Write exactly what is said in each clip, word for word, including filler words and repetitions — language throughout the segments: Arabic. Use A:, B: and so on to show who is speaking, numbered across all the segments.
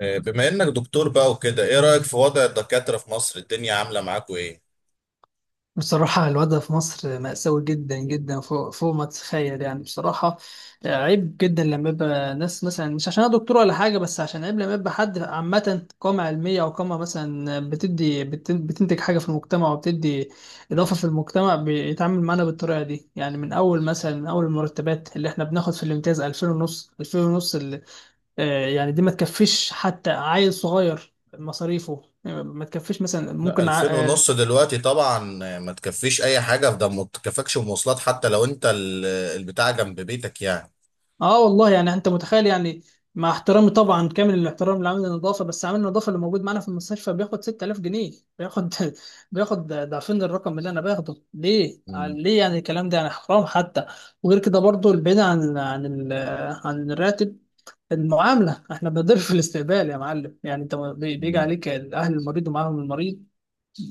A: بما انك دكتور بقى وكده، ايه رأيك في وضع الدكاترة في مصر؟ الدنيا عاملة معاكوا ايه؟
B: بصراحة، الوضع في مصر مأساوي جدا جدا، فوق فوق ما تتخيل يعني بصراحة. عيب جدا لما يبقى ناس مثلا، مش عشان أنا دكتور ولا حاجة، بس عشان عيب لما يبقى حد، عامة، قامة علمية أو قامة مثلا، بتدي بت- بتنتج حاجة في المجتمع وبتدي إضافة في المجتمع، بيتعامل معانا بالطريقة دي. يعني من أول مثلا من أول المرتبات اللي إحنا بناخد في الامتياز، ألفين ونص، ألفين ونص، اللي آه، يعني دي ما تكفيش حتى عيل صغير، مصاريفه ما تكفيش مثلا.
A: لا،
B: ممكن.
A: ألفين ونص دلوقتي طبعا. ما تكفيش اي حاجة في ده، ما تكفكش مواصلات حتى لو انت ال- البتاع جنب بيتك يعني.
B: اه والله، يعني انت متخيل يعني. مع احترامي طبعا، كامل الاحترام لعامل النظافه، بس عامل النظافه اللي موجود معانا في المستشفى بياخد ستة آلاف جنيه. بياخد بياخد ضعفين الرقم اللي انا باخده. ليه؟ آه،
A: مم.
B: ليه؟ يعني الكلام ده يعني حرام حتى. وغير كده برضو، البعيد عن عن ال- عن الراتب، المعامله. احنا بنضرب في الاستقبال يا معلم. يعني انت بي- بيجي عليك اهل المريض ومعاهم المريض.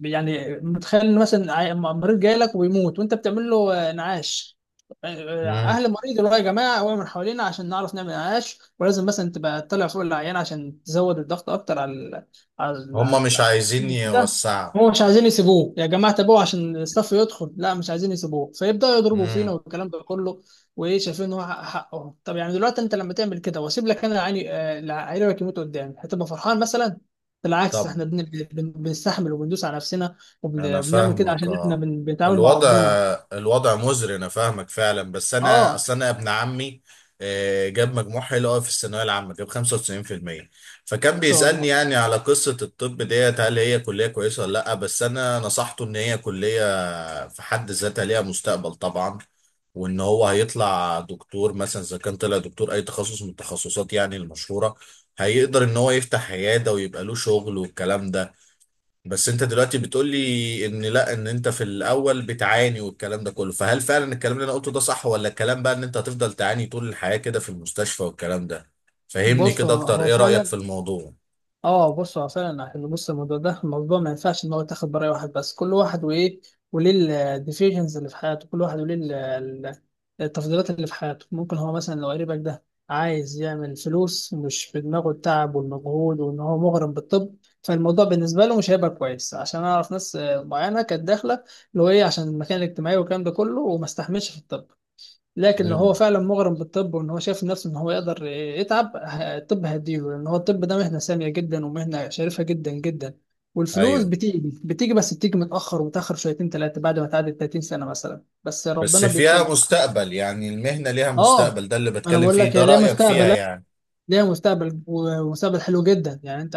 B: يعني متخيل إن مثلا عي- مريض جاي لك وبيموت، وانت بتعمل له آه، نعاش. آه،
A: مم.
B: اهل المريض يقولوا يا جماعه، وقعوا من حوالينا عشان نعرف نعمل نعاش، ولازم مثلا تبقى تطلع فوق العيان عشان تزود الضغط اكتر على ال- على ال-
A: هم
B: على
A: مش عايزين
B: ال- كده.
A: يوسعوا.
B: هو مش عايزين يسيبوه، يا جماعه تابعوه عشان الصف يدخل، لا مش عايزين يسيبوه، فيبداوا يضربوا فينا
A: مم.
B: والكلام ده كله. وايه، شايفين ان هو حق- حقهم. طب يعني دلوقتي انت لما تعمل كده واسيب لك انا العيان، آه، العيان يموت قدامي، هتبقى فرحان مثلا؟ بالعكس،
A: طب
B: احنا بن- بن- بنستحمل وبندوس على نفسنا،
A: انا
B: وبنعمل كده
A: فاهمك،
B: عشان احنا
A: اه.
B: بن- بنتعامل مع
A: الوضع
B: ربنا.
A: الوضع مزري، انا فاهمك فعلا. بس انا
B: اه،
A: اصل انا ابن عمي آه، جاب مجموع حلو قوي في الثانويه العامه، جاب خمسة وتسعين في المية. فكان
B: ما شاء
A: بيسالني
B: الله.
A: يعني على قصه الطب ديت، هل هي كليه كويسه ولا لا؟ بس انا نصحته ان هي كليه في حد ذاتها ليها مستقبل طبعا، وان هو هيطلع دكتور. مثلا اذا كان طلع دكتور اي تخصص من التخصصات يعني المشهوره، هيقدر ان هو يفتح عياده ويبقى له شغل والكلام ده. بس انت دلوقتي بتقول لي ان لا، ان انت في الاول بتعاني والكلام ده كله. فهل فعلا الكلام اللي انا قلته ده صح، ولا الكلام بقى ان انت هتفضل تعاني طول الحياة كده في المستشفى والكلام ده؟ فهمني
B: بص،
A: كده
B: هو
A: اكتر،
B: هو
A: ايه رأيك في
B: فعلا.
A: الموضوع؟
B: اه، بص هو فعلا. عشان بص، الموضوع ده، الموضوع ما ينفعش ان هو يتاخد براي واحد بس. كل واحد وايه وليه الديفيجنز اللي في حياته، كل واحد وليه ال- ال- التفضيلات اللي في حياته. ممكن هو مثلا لو قريبك ده عايز يعمل فلوس، مش في دماغه التعب والمجهود وان هو مغرم بالطب، فالموضوع بالنسبه له مش هيبقى كويس. عشان اعرف ناس آه، معينه كانت داخله، اللي هو ايه، عشان المكان الاجتماعي والكلام ده كله، وما استحملش في الطب. لكن لو
A: امم.
B: هو فعلا مغرم بالطب وان هو شايف نفسه ان هو يقدر يتعب، ه- الطب هيديله، لان هو الطب ده مهنه ساميه جدا ومهنه شريفه جدا جدا. والفلوس
A: ايوه
B: بتيجي بتيجي بس بتيجي متاخر، وتاخر شويتين ثلاثه، بعد ما تعدي تلاتين سنه مثلا، بس
A: بس
B: ربنا
A: فيها
B: بيكرمك.
A: مستقبل يعني، المهنة ليها مستقبل؟
B: اه،
A: ده اللي
B: انا
A: بتكلم
B: بقول
A: فيه
B: لك
A: ده،
B: هي ليها
A: رأيك فيها
B: مستقبل،
A: يعني.
B: ليها مستقبل، ومستقبل حلو جدا. يعني انت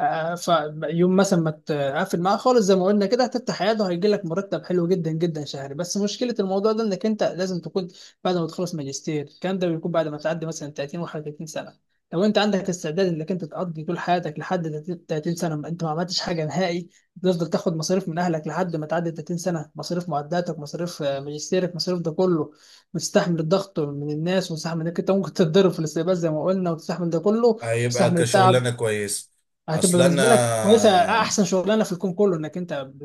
B: آه، آه، ف يوم مثلا ما تقفل معاه خالص، زي ما قلنا كده، هتفتح عياده وهيجي لك مرتب حلو جدا جدا شهري. بس مشكله الموضوع ده انك انت لازم تكون بعد ما تخلص ماجستير. الكلام ده بيكون بعد ما تعدي مثلا تلاتين و31 سنه. لو انت عندك استعداد انك انت تقضي طول حياتك لحد تلاتين سنه ما انت ما عملتش حاجه نهائي، تفضل تاخد مصاريف من اهلك لحد ما تعدي تلاتين سنه. مصاريف معداتك، مصاريف آه، ماجستيرك، مصاريف ده كله. وتستحمل الضغط من الناس، وتستحمل انك انت ممكن تتضرب في الاستقبال زي ما قلنا، وتستحمل ده كله،
A: هيبقى
B: وتستحمل التعب.
A: كشغلانة كويس.
B: هتبقى
A: اصل انا
B: بالنسبه لك كويسه، احسن شغلانه في الكون كله، انك انت ب-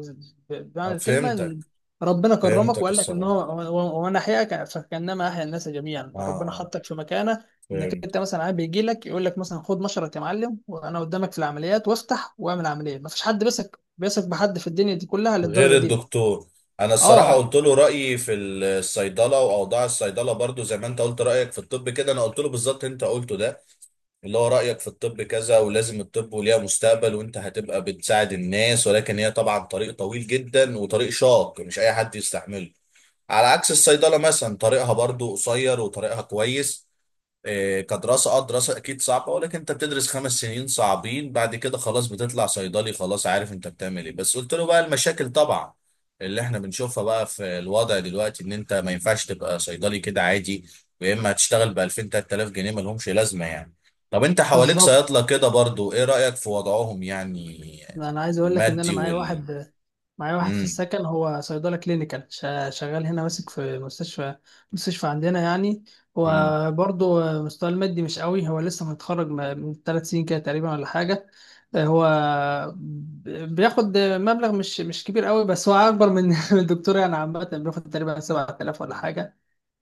B: ب- بمعنى
A: اه،
B: الكلمه،
A: فهمتك.
B: إن ربنا كرمك
A: فهمتك
B: وقال لك ان
A: الصراحة.
B: هو هو- وانا احياك فكانما احيا الناس جميعا.
A: اه،
B: ربنا
A: اه،
B: حطك في مكانه انك
A: فهمت.
B: انت مثلا عاد بيجي لك يقول لك مثلا خد مشرط يا معلم وانا قدامك في العمليات، وافتح واعمل عمليه. مفيش حد بيثق بيثق بحد في الدنيا دي كلها
A: غير
B: للدرجه دي.
A: الدكتور. انا الصراحه
B: اه
A: قلت له رايي في الصيدله واوضاع الصيدله، برضو زي ما انت قلت رايك في الطب كده، انا قلت له بالظبط انت قلته ده. اللي هو رايك في الطب كذا، ولازم الطب وليها مستقبل وانت هتبقى بتساعد الناس، ولكن هي طبعا طريق طويل جدا وطريق شاق مش اي حد يستحمله. على عكس الصيدله مثلا، طريقها برضو قصير وطريقها كويس. إيه، كدراسة، اه دراسة اكيد صعبة، ولكن انت بتدرس خمس سنين صعبين، بعد كده خلاص بتطلع صيدلي، خلاص عارف انت بتعمل ايه. بس قلت له بقى المشاكل طبعا اللي احنا بنشوفها بقى في الوضع دلوقتي، ان انت ما ينفعش تبقى صيدلي كده عادي. ويا اما هتشتغل ب ألفين تلات آلاف جنيه، ما لهمش لازمة يعني. طب انت حواليك
B: بالظبط.
A: صيادلة كده برضو، ايه رأيك في وضعهم يعني؟
B: انا عايز اقول لك ان انا
A: المادي
B: معايا
A: وال
B: واحد معايا واحد في
A: امم.
B: السكن. هو صيدله كلينيكال، شا- شغال هنا ماسك في مستشفى مستشفى عندنا يعني.
A: امم.
B: وبرضه مستواه المادي مش قوي. هو لسه متخرج م- من ثلاث سنين كده تقريبا، ولا حاجه. هو ب- بياخد مبلغ مش مش كبير قوي، بس هو اكبر من من الدكتور يعني. عامه بياخد تقريبا سبعة آلاف ولا حاجه.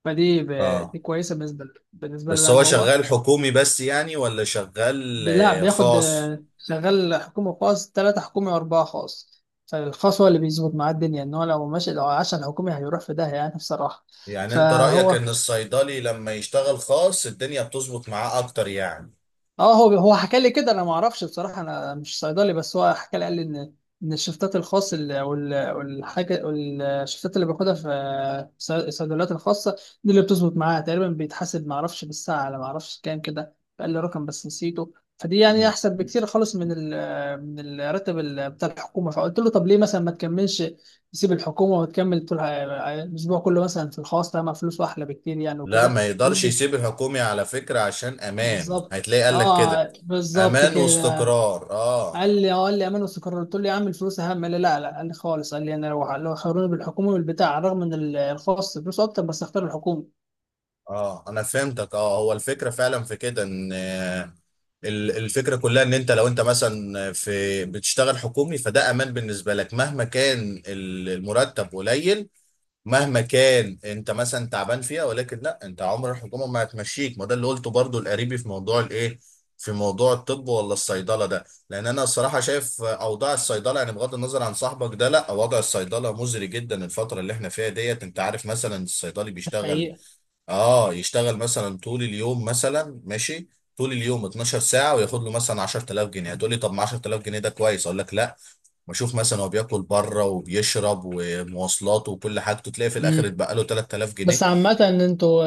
B: فدي ب-
A: اه
B: دي كويسه بالنسبه بالنسبه له
A: بس
B: يعني.
A: هو
B: هو
A: شغال حكومي بس يعني، ولا شغال
B: لا،
A: آه،
B: بياخد
A: خاص؟
B: آه، شغال حكومي خاص، تلاتة حكومي وأربعة خاص. فالخاص هو اللي بيظبط معاه الدنيا. إن هو لو ماشي، لو عاش على الحكومي، هيروح في داهية يعني، بصراحة.
A: يعني انت رأيك
B: فهو
A: ان الصيدلي لما يشتغل خاص الدنيا بتظبط معاه اكتر يعني.
B: اه، هو هو حكى لي كده. انا ما اعرفش بصراحه، انا مش صيدلي، بس هو حكى لي قال لي ان، ان الشفتات الخاص ال- وال- والحاجه، الشفتات اللي باخدها في الصي- الصيدليات الخاصه دي اللي بتظبط معاها تقريبا. بيتحاسب ما اعرفش بالساعه على، ما اعرفش كام كده، قال لي رقم بس نسيته. فدي يعني
A: مم.
B: احسن بكتير خالص من ال، من الراتب ال- بتاع الحكومه. فقلت له طب ليه مثلا ما تكملش؟ تسيب الحكومه وتكمل طول الاسبوع كله مثلا في الخاص، طالما فلوسه احلى بكتير يعني
A: لا،
B: وكده.
A: ما يقدرش يسيب الحكومي على فكرة، عشان امان.
B: بالظبط
A: هتلاقي قالك كده،
B: اه، بالظبط
A: امان
B: كده.
A: واستقرار، اه.
B: قال لي، اه قال لي امان واستقرار. قلت له يا عم، الفلوس اهم. قال لي لا، لا، قال لي خالص. قال لي، انا لو لو خيروني بالحكومه والبتاع، رغم ان ال- الخاص فلوسه اكتر، بس اختار الحكومه.
A: اه، انا فهمتك. اه، هو الفكرة فعلا في كده، ان آه، ال- الفكرة كلها ان انت لو انت مثلا في بتشتغل حكومي، فده امان بالنسبة لك مهما كان ال- المرتب قليل، مهما كان انت مثلا تعبان فيها، ولكن لا، انت عمر الحكومه ما هتمشيك. ما ده اللي قلته برضو القريبي في موضوع الايه، في موضوع الطب ولا الصيدله ده. لان انا الصراحه شايف اوضاع الصيدله، يعني بغض النظر عن صاحبك ده، لا وضع الصيدله مزري جدا الفتره اللي احنا فيها ديت. انت عارف مثلا الصيدلي بيشتغل،
B: حقيقه.
A: اه يشتغل مثلا طول اليوم مثلا ماشي، طول اليوم 12 ساعة وياخد له مثلا عشر آلاف جنيه. هتقول لي طب ما عشر آلاف جنيه ده كويس، اقول لك لا. بشوف مثلا هو بياكل بره وبيشرب ومواصلاته وكل حاجته، تلاقي في الاخر
B: امم.
A: اتبقى له 3000
B: بس
A: جنيه
B: عامة، ان انتوا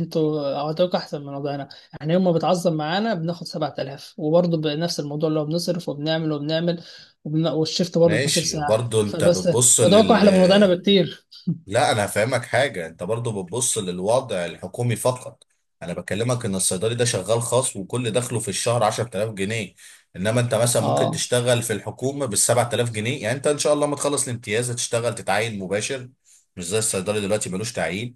B: انتوا عطاكوا احسن من وضعنا. احنا يوم ما بتعظم معانا بناخد سبعة آلاف، وبرضه بنفس الموضوع، اللي هو بنصرف وبنعمل وبنعمل، وبن... والشيفت برضه اتناشر
A: ماشي،
B: ساعة
A: برضو انت
B: فبس.
A: بتبص
B: وضعكم
A: لل
B: احلى من وضعنا بكتير.
A: لا، انا هفهمك حاجه، انت برضو بتبص للوضع الحكومي فقط. انا بكلمك ان الصيدلي ده شغال خاص، وكل دخله في الشهر عشرة آلاف جنيه. انما انت مثلا ممكن
B: اه،
A: تشتغل في الحكومه بال سبعة آلاف جنيه، يعني انت ان شاء الله ما تخلص الامتياز هتشتغل تتعين مباشر، مش زي الصيدلي دلوقتي ملوش تعيين.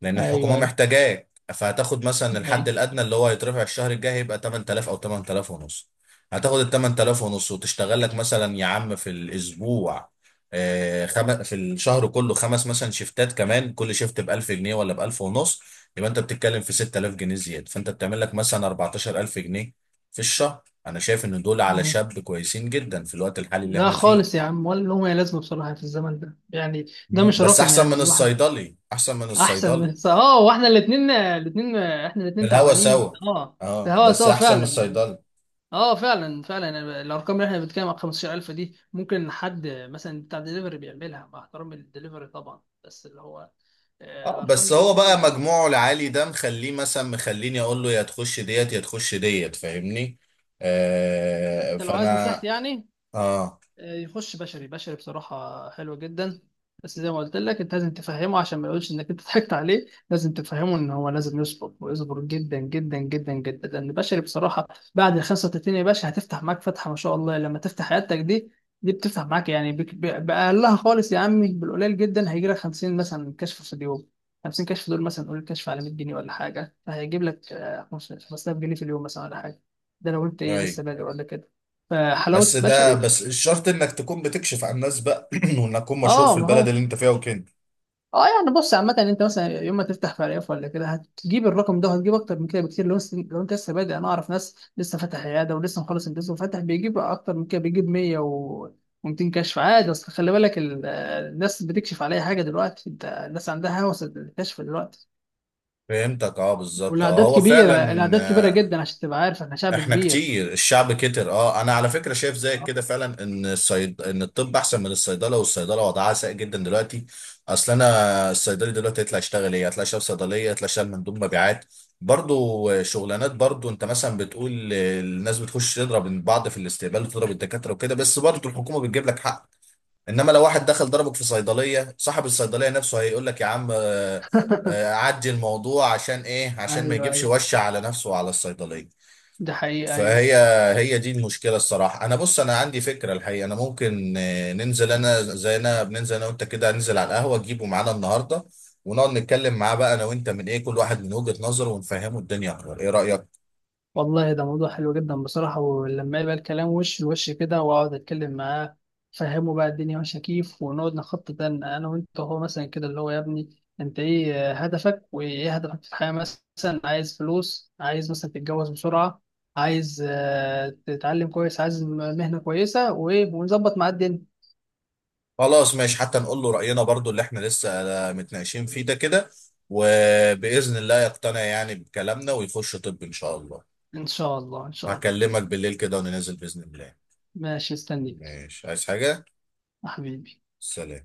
A: لان الحكومه
B: ايوه ايوه،
A: محتاجاك، فهتاخد مثلا الحد الادنى اللي هو هيترفع الشهر الجاي، هيبقى تمنية آلاف او تمنية آلاف ونص. هتاخد ال تمنية آلاف ونص وتشتغل لك مثلا يا عم في الاسبوع، آه، خم... في الشهر كله خمس مثلا شيفتات كمان، كل شيفت ب ألف جنيه ولا ب ألف ونص. يبقى انت بتتكلم في ستة آلاف جنيه زياده، فانت بتعمل لك مثلا أربعتاشر ألف جنيه في الشهر. انا شايف ان دول على
B: ايوه.
A: شاب كويسين جدا في الوقت الحالي اللي
B: لا
A: احنا فيه.
B: خالص يا عم، ولا لهم اي لازمه بصراحه في الزمن ده يعني. ده
A: مم.
B: مش
A: بس
B: رقم
A: احسن
B: يعني
A: من
B: الواحد.
A: الصيدلي، احسن من
B: احسن
A: الصيدلي.
B: من- اه، واحنا الاثنين الاثنين احنا الاثنين
A: الهوا
B: تعبانين.
A: سوا،
B: اه، في
A: اه
B: هوا
A: بس
B: سوا
A: احسن من
B: فعلا يعني.
A: الصيدلي.
B: اه، فعلا فعلا يعني. الارقام اللي احنا بنتكلم عن خمستاشر ألف دي، ممكن حد مثلا بتاع دليفري بيعملها، مع احترامي للدليفري طبعا، بس اللي هو آه،
A: اه
B: الارقام
A: بس
B: دي.
A: هو بقى مجموعه العالي ده مخليه، مثلا مخليني اقول له يا تخش ديت يا تخش ديت، فاهمني. آه
B: انت لو عايز
A: فانا
B: نصيحتي يعني،
A: اه.
B: آه، يخش بشري. بشري بصراحة حلو جدا. بس زي ما قلت لك انت لازم تفهمه، عشان ما يقولش انك انت ضحكت عليه. لازم تفهمه ان هو لازم يصبر، ويصبر جدا جدا جدا جدا. لان بشري بصراحة، بعد ال خمسة وتلاتين يا باشا، هتفتح معاك فتحة ما شاء الله لما تفتح عيادتك دي. دي بتفتح معاك يعني بك- ب- بأقلها خالص يا عمي، بالقليل جدا، هيجي لك خمسين مثلا كشف في اليوم. خمسين كشف دول مثلا، قول كشف على مية جنيه ولا حاجة، فهيجيب لك آه، خمسة آلاف جنيه في اليوم مثلا ولا حاجة. ده لو انت ايه
A: ايوه.
B: لسه بادئ ولا كده.
A: بس
B: فحلاوة
A: ده
B: بشري.
A: بس الشرط انك تكون بتكشف عن الناس بقى وانك تكون مشهور في
B: اه، ما
A: البلد
B: هو،
A: اللي انت فيها وكده.
B: اه، يعني بص، عامة انت مثلا يوم ما تفتح فريق ولا كده، هتجيب الرقم ده، وهتجيب اكتر من كده بكتير. لو لسه- لو انت لسه بادئ. انا اعرف ناس لسه فاتح عياده ولسه مخلص امتياز وفاتح، بيجيب اكتر من كده، بيجيب مية و... و200 كشف عادي. اصل خلي بالك ال- الناس بتكشف على اي حاجه دلوقتي. انت الناس عندها هوس الكشف دلوقتي.
A: فهمتك، اه بالظبط، اه
B: والاعداد
A: هو
B: كبيره،
A: فعلا
B: الاعداد كبيره
A: آه،.
B: جدا، عشان تبقى عارف احنا شعب
A: احنا
B: كبير.
A: كتير، الشعب كتر. اه انا على فكره شايف زيك كده فعلا، ان الصيد ان الطب احسن من الصيدله، والصيدله وضعها سيء جدا دلوقتي. اصل انا الصيدلي دلوقتي يطلع يشتغل ايه، يطلع يشتغل صيدليه، يطلع يشتغل مندوب مبيعات، برضو شغلانات. برضو انت مثلا بتقول الناس بتخش تضرب بعض في الاستقبال وتضرب الدكاتره وكده، بس برضو الحكومه بتجيب لك حق. انما لو واحد دخل ضربك في صيدليه، صاحب الصيدليه نفسه هيقول لك يا عم آه، آه، عدي الموضوع. عشان ايه؟ عشان ما
B: ايوه
A: يجيبش
B: ايوه،
A: وشة على نفسه وعلى الصيدليه.
B: ده حقيقة ايوه.
A: فهي، هي دي المشكله الصراحه. انا بص انا عندي فكره الحقيقه، انا ممكن آه، ننزل انا زي انا بننزل انا وانت كده، ننزل على القهوه تجيبه معانا النهارده، ونقعد نتكلم معاه بقى انا وانت، من ايه كل واحد من وجهه نظره، ونفهمه الدنيا اكتر، ايه رايك؟
B: والله ده موضوع حلو جدا بصراحة. ولما يبقى الكلام وش لوش كده، وأقعد أتكلم معاه، فهمه بقى الدنيا ماشية كيف، ونقعد نخطط أنا أنا وأنت، هو مثلا كده اللي هو، يا ابني أنت إيه هدفك، وإيه هدفك في الحياة مثلا؟ عايز فلوس؟ عايز مثلا تتجوز بسرعة؟ عايز آه، تتعلم كويس؟ عايز مهنة كويسة؟ وإيه ونظبط مع الدنيا.
A: خلاص ماشي. حتى نقول له راينا برضو اللي احنا لسه آه، متناقشين فيه ده كده. وباذن الله يقتنع يعني بكلامنا ويخش طب ان شاء الله.
B: إن شاء الله، إن شاء الله.
A: هكلمك بالليل كده وننزل باذن الله.
B: ماشي استنيك
A: ماشي، عايز حاجه؟
B: يا حبيبي.
A: سلام.